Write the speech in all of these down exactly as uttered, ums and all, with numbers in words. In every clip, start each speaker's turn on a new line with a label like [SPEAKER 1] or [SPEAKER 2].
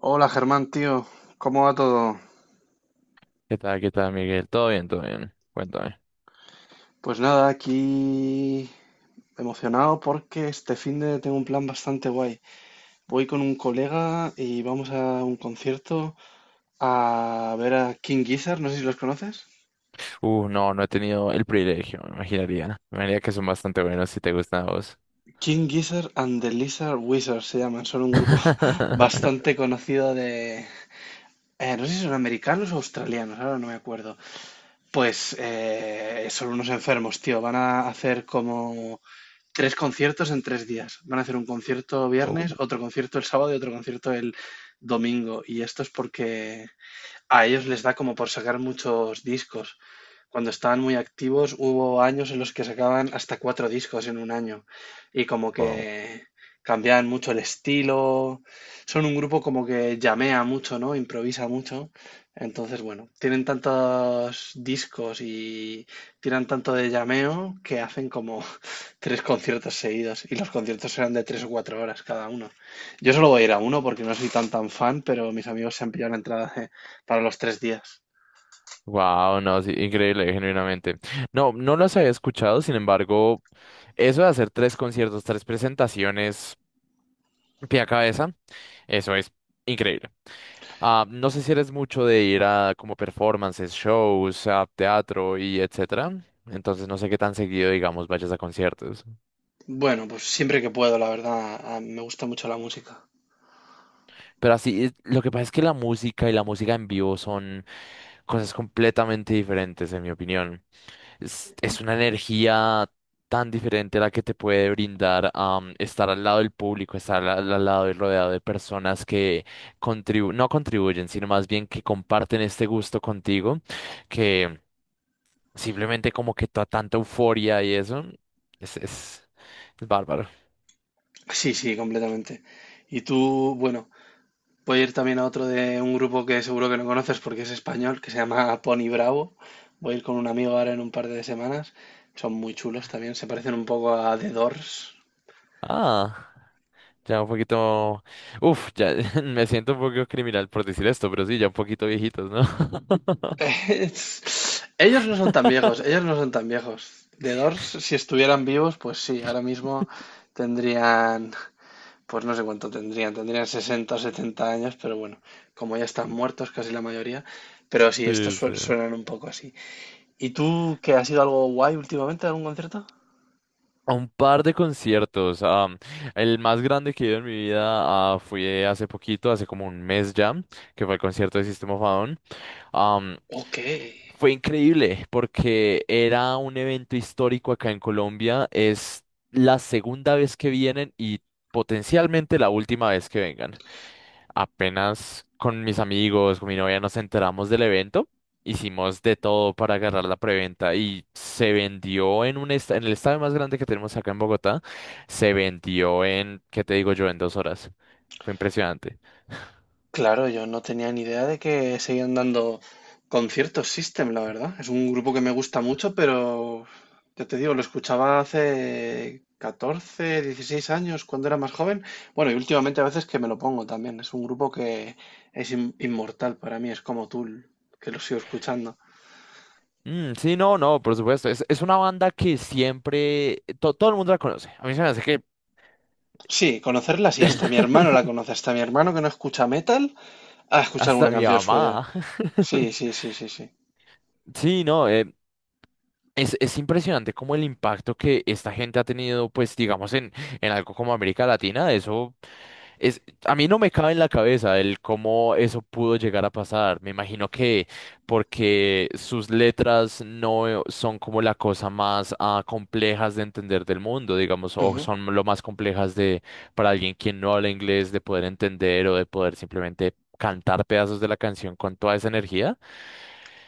[SPEAKER 1] Hola Germán, tío, ¿cómo va todo?
[SPEAKER 2] ¿Qué tal, qué tal, Miguel? Todo bien, todo bien. Cuéntame.
[SPEAKER 1] Pues nada, aquí emocionado porque este fin de tengo un plan bastante guay. Voy con un colega y vamos a un concierto a ver a King Gizzard, no sé si los conoces.
[SPEAKER 2] Uh, no, no he tenido el privilegio, me imaginaría. Me imaginaría que son bastante buenos si te gustan a vos.
[SPEAKER 1] King Gizzard and the Lizard Wizard se llaman, son un grupo bastante conocido de... eh, no sé si son americanos o australianos, ahora no me acuerdo. Pues eh, son unos enfermos, tío, van a hacer como tres conciertos en tres días. Van a hacer un concierto
[SPEAKER 2] Oh,
[SPEAKER 1] viernes, otro concierto el sábado y otro concierto el domingo. Y esto es porque a ellos les da como por sacar muchos discos. Cuando estaban muy activos, hubo años en los que sacaban hasta cuatro discos en un año y como
[SPEAKER 2] wow.
[SPEAKER 1] que cambiaban mucho el estilo. Son un grupo como que llamea mucho, ¿no? Improvisa mucho. Entonces, bueno, tienen tantos discos y tiran tanto de llameo que hacen como tres conciertos seguidos y los conciertos eran de tres o cuatro horas cada uno. Yo solo voy a ir a uno porque no soy tan tan fan, pero mis amigos se han pillado la entrada para los tres días.
[SPEAKER 2] Wow, no, sí, increíble, genuinamente. No, no los había escuchado, sin embargo, eso de hacer tres conciertos, tres presentaciones pie a cabeza, eso es increíble. Ah, no sé si eres mucho de ir a como performances, shows, a teatro y etcétera. Entonces no sé qué tan seguido, digamos, vayas a conciertos.
[SPEAKER 1] Bueno, pues siempre que puedo, la verdad, a- me gusta mucho la música.
[SPEAKER 2] Pero así, es- lo que pasa es que la música y la música en vivo son cosas completamente diferentes, en mi opinión. Es, es una energía tan diferente la que te puede brindar am, estar al lado del público, estar al, al lado y rodeado de personas que contribu no contribuyen, sino más bien que comparten este gusto contigo, que simplemente como que toda tanta euforia y eso, es, es, es bárbaro.
[SPEAKER 1] Sí, sí, completamente. Y tú, bueno, voy a ir también a otro de un grupo que seguro que no conoces porque es español, que se llama Pony Bravo. Voy a ir con un amigo ahora en un par de semanas. Son muy chulos también, se parecen un poco a The Doors.
[SPEAKER 2] Ah. Ya un poquito, uf, ya me siento un poco criminal por decir esto, pero sí, ya un poquito viejitos, ¿no?
[SPEAKER 1] Es- ellos no son tan viejos, ellos no son tan viejos. The Doors, si estuvieran vivos, pues sí, ahora mismo tendrían. Pues no sé cuánto tendrían, tendrían sesenta o setenta años, pero bueno, como ya están muertos casi la mayoría, pero sí,
[SPEAKER 2] Sí,
[SPEAKER 1] estos
[SPEAKER 2] sí.
[SPEAKER 1] sue- suenan un poco así. ¿Y tú qué ha sido algo guay últimamente, algún concierto?
[SPEAKER 2] A un par de conciertos. Am, el más grande que he ido en mi vida ah, fue hace poquito, hace como un mes ya, que fue el concierto de System of a Down. Am,
[SPEAKER 1] Ok.
[SPEAKER 2] Fue increíble porque era un evento histórico acá en Colombia. Es la segunda vez que vienen y potencialmente la última vez que vengan. Apenas con mis amigos, con mi novia nos enteramos del evento, hicimos de todo para agarrar la preventa y se vendió en un esta- en el estadio más grande que tenemos acá en Bogotá, se vendió en, ¿qué te digo yo? En dos horas. Fue impresionante.
[SPEAKER 1] Claro, yo no tenía ni idea de que seguían dando conciertos System, la verdad. Es un grupo que me gusta mucho, pero ya te digo, lo escuchaba hace catorce, dieciséis años, cuando era más joven. Bueno, y últimamente a veces que me lo pongo también. Es un grupo que es in- inmortal para mí, es como Tool, que lo sigo escuchando.
[SPEAKER 2] Mm, sí, no, no, por supuesto. Es, es una banda que siempre to- todo el mundo la conoce. A mí se me hace que
[SPEAKER 1] Sí, conocerlas y hasta mi hermano la conoce, hasta mi hermano que no escucha metal, ha escuchado alguna
[SPEAKER 2] hasta mi
[SPEAKER 1] canción suya.
[SPEAKER 2] mamá.
[SPEAKER 1] Sí, sí, sí, sí, sí.
[SPEAKER 2] Sí, no, eh, Es, es impresionante como el impacto que esta gente ha tenido, pues digamos, en, en algo como América Latina. Eso es, a mí no me cabe en la cabeza el cómo eso pudo llegar a pasar. Me imagino que porque sus letras no son como la cosa más ah, complejas de entender del mundo, digamos, o
[SPEAKER 1] Ujú.
[SPEAKER 2] son lo más complejas de para alguien quien no habla inglés de poder entender o de poder simplemente cantar pedazos de la canción con toda esa energía.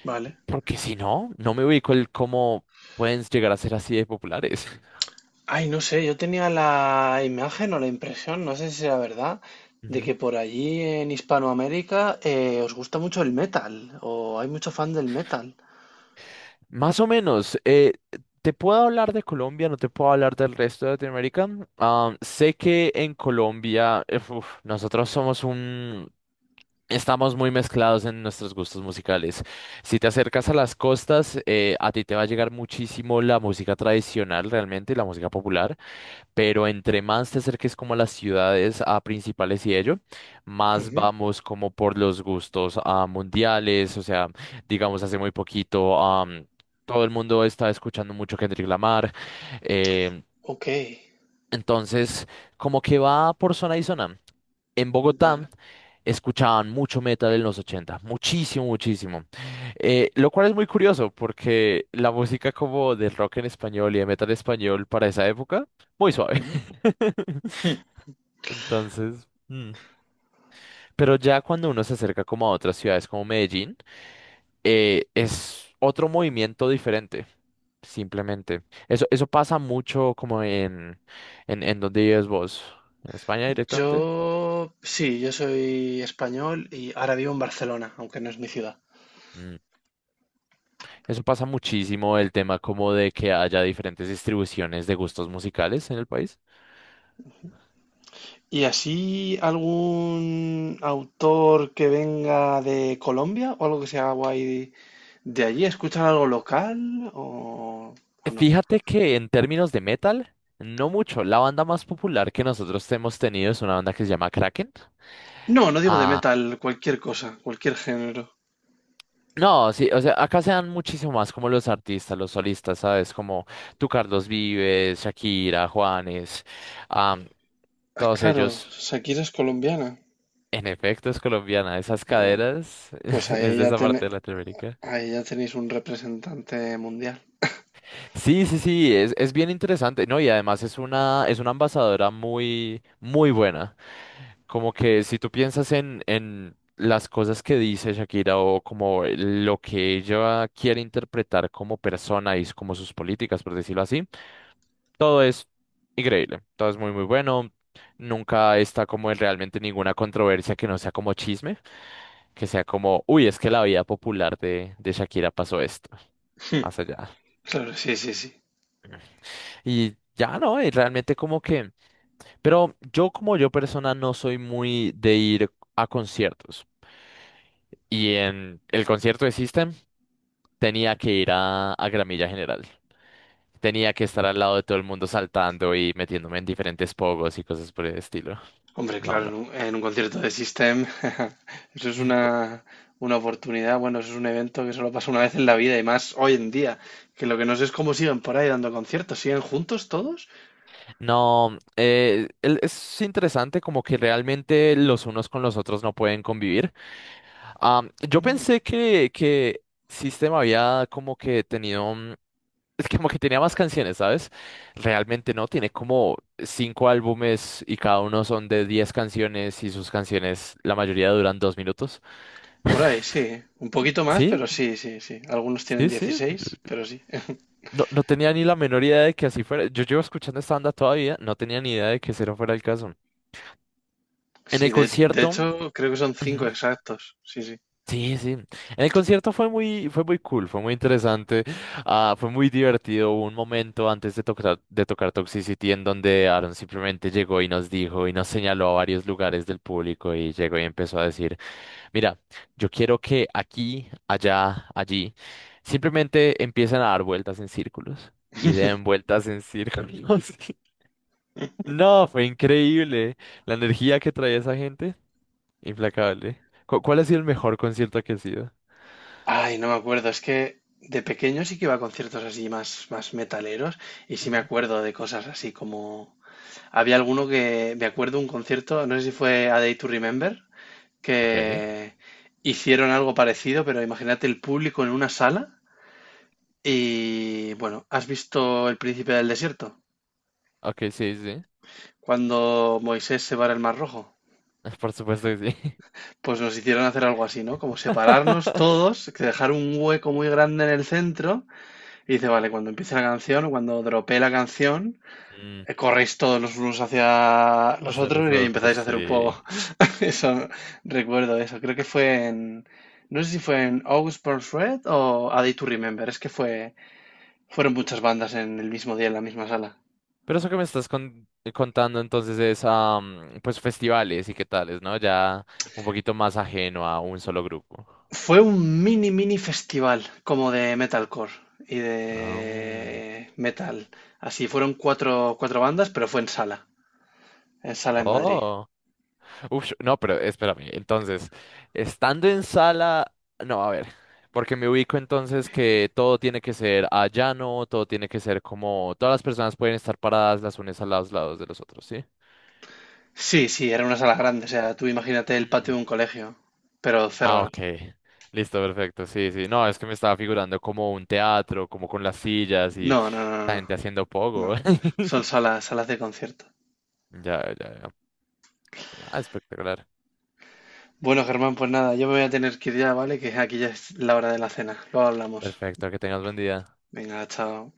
[SPEAKER 1] Vale.
[SPEAKER 2] Porque si no, no me ubico el cómo pueden llegar a ser así de populares.
[SPEAKER 1] Ay, no sé, yo tenía la imagen o la impresión, no sé si será verdad, de
[SPEAKER 2] Ujú.
[SPEAKER 1] que por allí en Hispanoamérica eh, os gusta mucho el metal, o hay mucho fan del metal.
[SPEAKER 2] Más o menos, eh, te puedo hablar de Colombia, no te puedo hablar del resto de Latinoamérica. Ah, sé que en Colombia, eh, uf, nosotros somos un... Estamos muy mezclados en nuestros gustos musicales. Si te acercas a las costas, eh, a ti te va a llegar muchísimo la música tradicional, realmente, la música popular. Pero entre más te acerques como a las ciudades a principales y ello, más
[SPEAKER 1] Ujú.
[SPEAKER 2] vamos como por los gustos a mundiales, o sea, digamos hace muy poquito, am, todo el mundo está escuchando mucho Kendrick Lamar, eh,
[SPEAKER 1] Ok,
[SPEAKER 2] entonces, como que va por zona y zona. En Bogotá
[SPEAKER 1] vale.
[SPEAKER 2] escuchaban mucho metal en los ochenta, muchísimo, muchísimo. Eh, lo cual es muy curioso porque la música como de rock en español y de metal español para esa época, muy suave.
[SPEAKER 1] Ujú.
[SPEAKER 2] Entonces, mm, pero ya cuando uno se acerca como a otras ciudades como Medellín, eh, es otro movimiento diferente. Simplemente. Eso, eso pasa mucho como en, en, en donde vives vos, en España directamente.
[SPEAKER 1] Yo, sí, yo soy español y ahora vivo en Barcelona, aunque no es mi ciudad.
[SPEAKER 2] Mm. Eso pasa muchísimo el tema como de que haya diferentes distribuciones de gustos musicales en el país.
[SPEAKER 1] ¿Y así algún autor que venga de Colombia o algo que sea guay de allí? ¿Escuchan algo local o, o no?
[SPEAKER 2] Fíjate que en términos de metal, no mucho. La banda más popular que nosotros hemos tenido es una banda que se llama Kraken.
[SPEAKER 1] No, no digo de metal, cualquier cosa, cualquier género.
[SPEAKER 2] No, sí, o sea, acá se dan muchísimo más como los artistas, los solistas, ¿sabes? Como tú, Carlos Vives, Shakira, Juanes, am,
[SPEAKER 1] Ah,
[SPEAKER 2] todos
[SPEAKER 1] claro,
[SPEAKER 2] ellos.
[SPEAKER 1] Shakira es colombiana.
[SPEAKER 2] En efecto, es colombiana, esas
[SPEAKER 1] Ah, bueno,
[SPEAKER 2] caderas
[SPEAKER 1] pues
[SPEAKER 2] es
[SPEAKER 1] ahí
[SPEAKER 2] de
[SPEAKER 1] ya,
[SPEAKER 2] esa parte
[SPEAKER 1] ten-
[SPEAKER 2] de Latinoamérica.
[SPEAKER 1] ahí ya tenéis un representante mundial.
[SPEAKER 2] Sí, sí, sí, es, es bien interesante, ¿no? Y además es una, es una embajadora muy, muy buena. Como que si tú piensas en, en las cosas que dice Shakira o como lo que ella quiere interpretar como persona y como sus políticas, por decirlo así, todo es increíble, todo es muy muy bueno. Nunca está como en realmente ninguna controversia que no sea como chisme, que sea como, uy, es que la vida popular de, de Shakira pasó esto,
[SPEAKER 1] Hmm.
[SPEAKER 2] más allá.
[SPEAKER 1] Claro, sí, sí, sí.
[SPEAKER 2] Y ya no, y realmente como que, pero yo como yo persona no soy muy de ir a conciertos. Y en el concierto de System tenía que ir a, a Gramilla General. Tenía que estar al lado de todo el mundo saltando y metiéndome en diferentes pogos y cosas por el estilo.
[SPEAKER 1] Hombre,
[SPEAKER 2] No,
[SPEAKER 1] claro,
[SPEAKER 2] no.
[SPEAKER 1] en un, en un concierto de System, eso es una, una oportunidad, bueno, eso es un evento que solo pasa una vez en la vida y más hoy en día, que lo que no sé es cómo siguen por ahí dando conciertos, ¿siguen juntos todos?
[SPEAKER 2] No, eh, el- es interesante como que realmente los unos con los otros no pueden convivir. Am, yo
[SPEAKER 1] Mm.
[SPEAKER 2] pensé que, que System había como que tenido, mm, es que como que tenía más canciones, ¿sabes? Realmente no, tiene como cinco álbumes y cada uno son de diez canciones y sus canciones, la mayoría duran dos minutos.
[SPEAKER 1] Por ahí, sí, un poquito más,
[SPEAKER 2] Sí,
[SPEAKER 1] pero sí, sí, sí. Algunos tienen
[SPEAKER 2] sí, sí.
[SPEAKER 1] dieciséis, pero sí.
[SPEAKER 2] No, no tenía ni la menor idea de que así fuera. Yo llevo escuchando esta banda todavía, no tenía ni idea de que ese no fuera el caso. En
[SPEAKER 1] Sí,
[SPEAKER 2] el
[SPEAKER 1] de, de
[SPEAKER 2] concierto...
[SPEAKER 1] hecho creo que son
[SPEAKER 2] Ujú.
[SPEAKER 1] cinco exactos. Sí, sí.
[SPEAKER 2] Sí, sí. El concierto fue muy, fue muy cool, fue muy interesante, ah, fue muy divertido. Hubo un momento antes de tocar, de tocar Toxicity en donde Aaron simplemente llegó y nos dijo y nos señaló a varios lugares del público y llegó y empezó a decir, mira, yo quiero que aquí, allá, allí, simplemente empiecen a dar vueltas en círculos y den vueltas en círculos. No, fue increíble. La energía que traía esa gente, implacable. ¿Cu- ¿Cuál ha sido el mejor concierto que ha sido?
[SPEAKER 1] Ay, no me acuerdo. Es que de pequeño sí que iba a conciertos así más, más metaleros y sí me acuerdo de cosas así como... Había alguno que... Me acuerdo un concierto, no sé si fue A Day to Remember,
[SPEAKER 2] Ok,
[SPEAKER 1] que hicieron algo parecido, pero imagínate el público en una sala y... Bueno, ¿has visto El Príncipe del Desierto?
[SPEAKER 2] ok, sí, sí.
[SPEAKER 1] Cuando Moisés se va al Mar Rojo.
[SPEAKER 2] Por supuesto que sí.
[SPEAKER 1] Pues nos hicieron hacer algo así, ¿no? Como separarnos todos, que dejar un hueco muy grande en el centro y dice, vale, cuando empiece la canción o cuando dropee la canción,
[SPEAKER 2] Mm,
[SPEAKER 1] eh, corréis todos los unos hacia
[SPEAKER 2] o
[SPEAKER 1] los
[SPEAKER 2] sea, los
[SPEAKER 1] otros y
[SPEAKER 2] otros,
[SPEAKER 1] empezáis a hacer un
[SPEAKER 2] sí.
[SPEAKER 1] poco. Eso, recuerdo eso. Creo que fue en, no sé si fue en August Burns Red o A Day to Remember. Es que fue, fueron muchas bandas en el mismo día, en la misma sala.
[SPEAKER 2] Pero eso que me estás con- eh, contando entonces es, am, pues, festivales y qué tales, ¿no? Ya un poquito más ajeno a un solo grupo.
[SPEAKER 1] Fue un mini mini festival como de metalcore y
[SPEAKER 2] Ah, mm.
[SPEAKER 1] de metal. Así fueron cuatro, cuatro bandas, pero fue en sala, en sala en Madrid.
[SPEAKER 2] Oh. Uf, no, pero espérame. Entonces, estando en sala, no, a ver, porque me ubico entonces que todo tiene que ser a llano, todo tiene que ser como, todas las personas pueden estar paradas las unas a los lados de los otros, ¿sí?
[SPEAKER 1] Sí, sí, era una sala
[SPEAKER 2] Oh.
[SPEAKER 1] grande, o sea, tú imagínate el patio
[SPEAKER 2] Mm.
[SPEAKER 1] de un colegio, pero
[SPEAKER 2] Ah,
[SPEAKER 1] cerrado.
[SPEAKER 2] ok. Listo, perfecto. Sí, sí. No, es que me estaba figurando como un teatro, como con las sillas
[SPEAKER 1] No,
[SPEAKER 2] y
[SPEAKER 1] no, no, no,
[SPEAKER 2] la
[SPEAKER 1] no,
[SPEAKER 2] gente haciendo pogo.
[SPEAKER 1] no. Son salas, salas de concierto.
[SPEAKER 2] Ya, ya, ya. Ah, espectacular.
[SPEAKER 1] Bueno, Germán, pues nada, yo me voy a tener que ir ya, ¿vale? Que aquí ya es la hora de la cena. Luego hablamos.
[SPEAKER 2] Perfecto, que tengas buen día.
[SPEAKER 1] Venga, chao.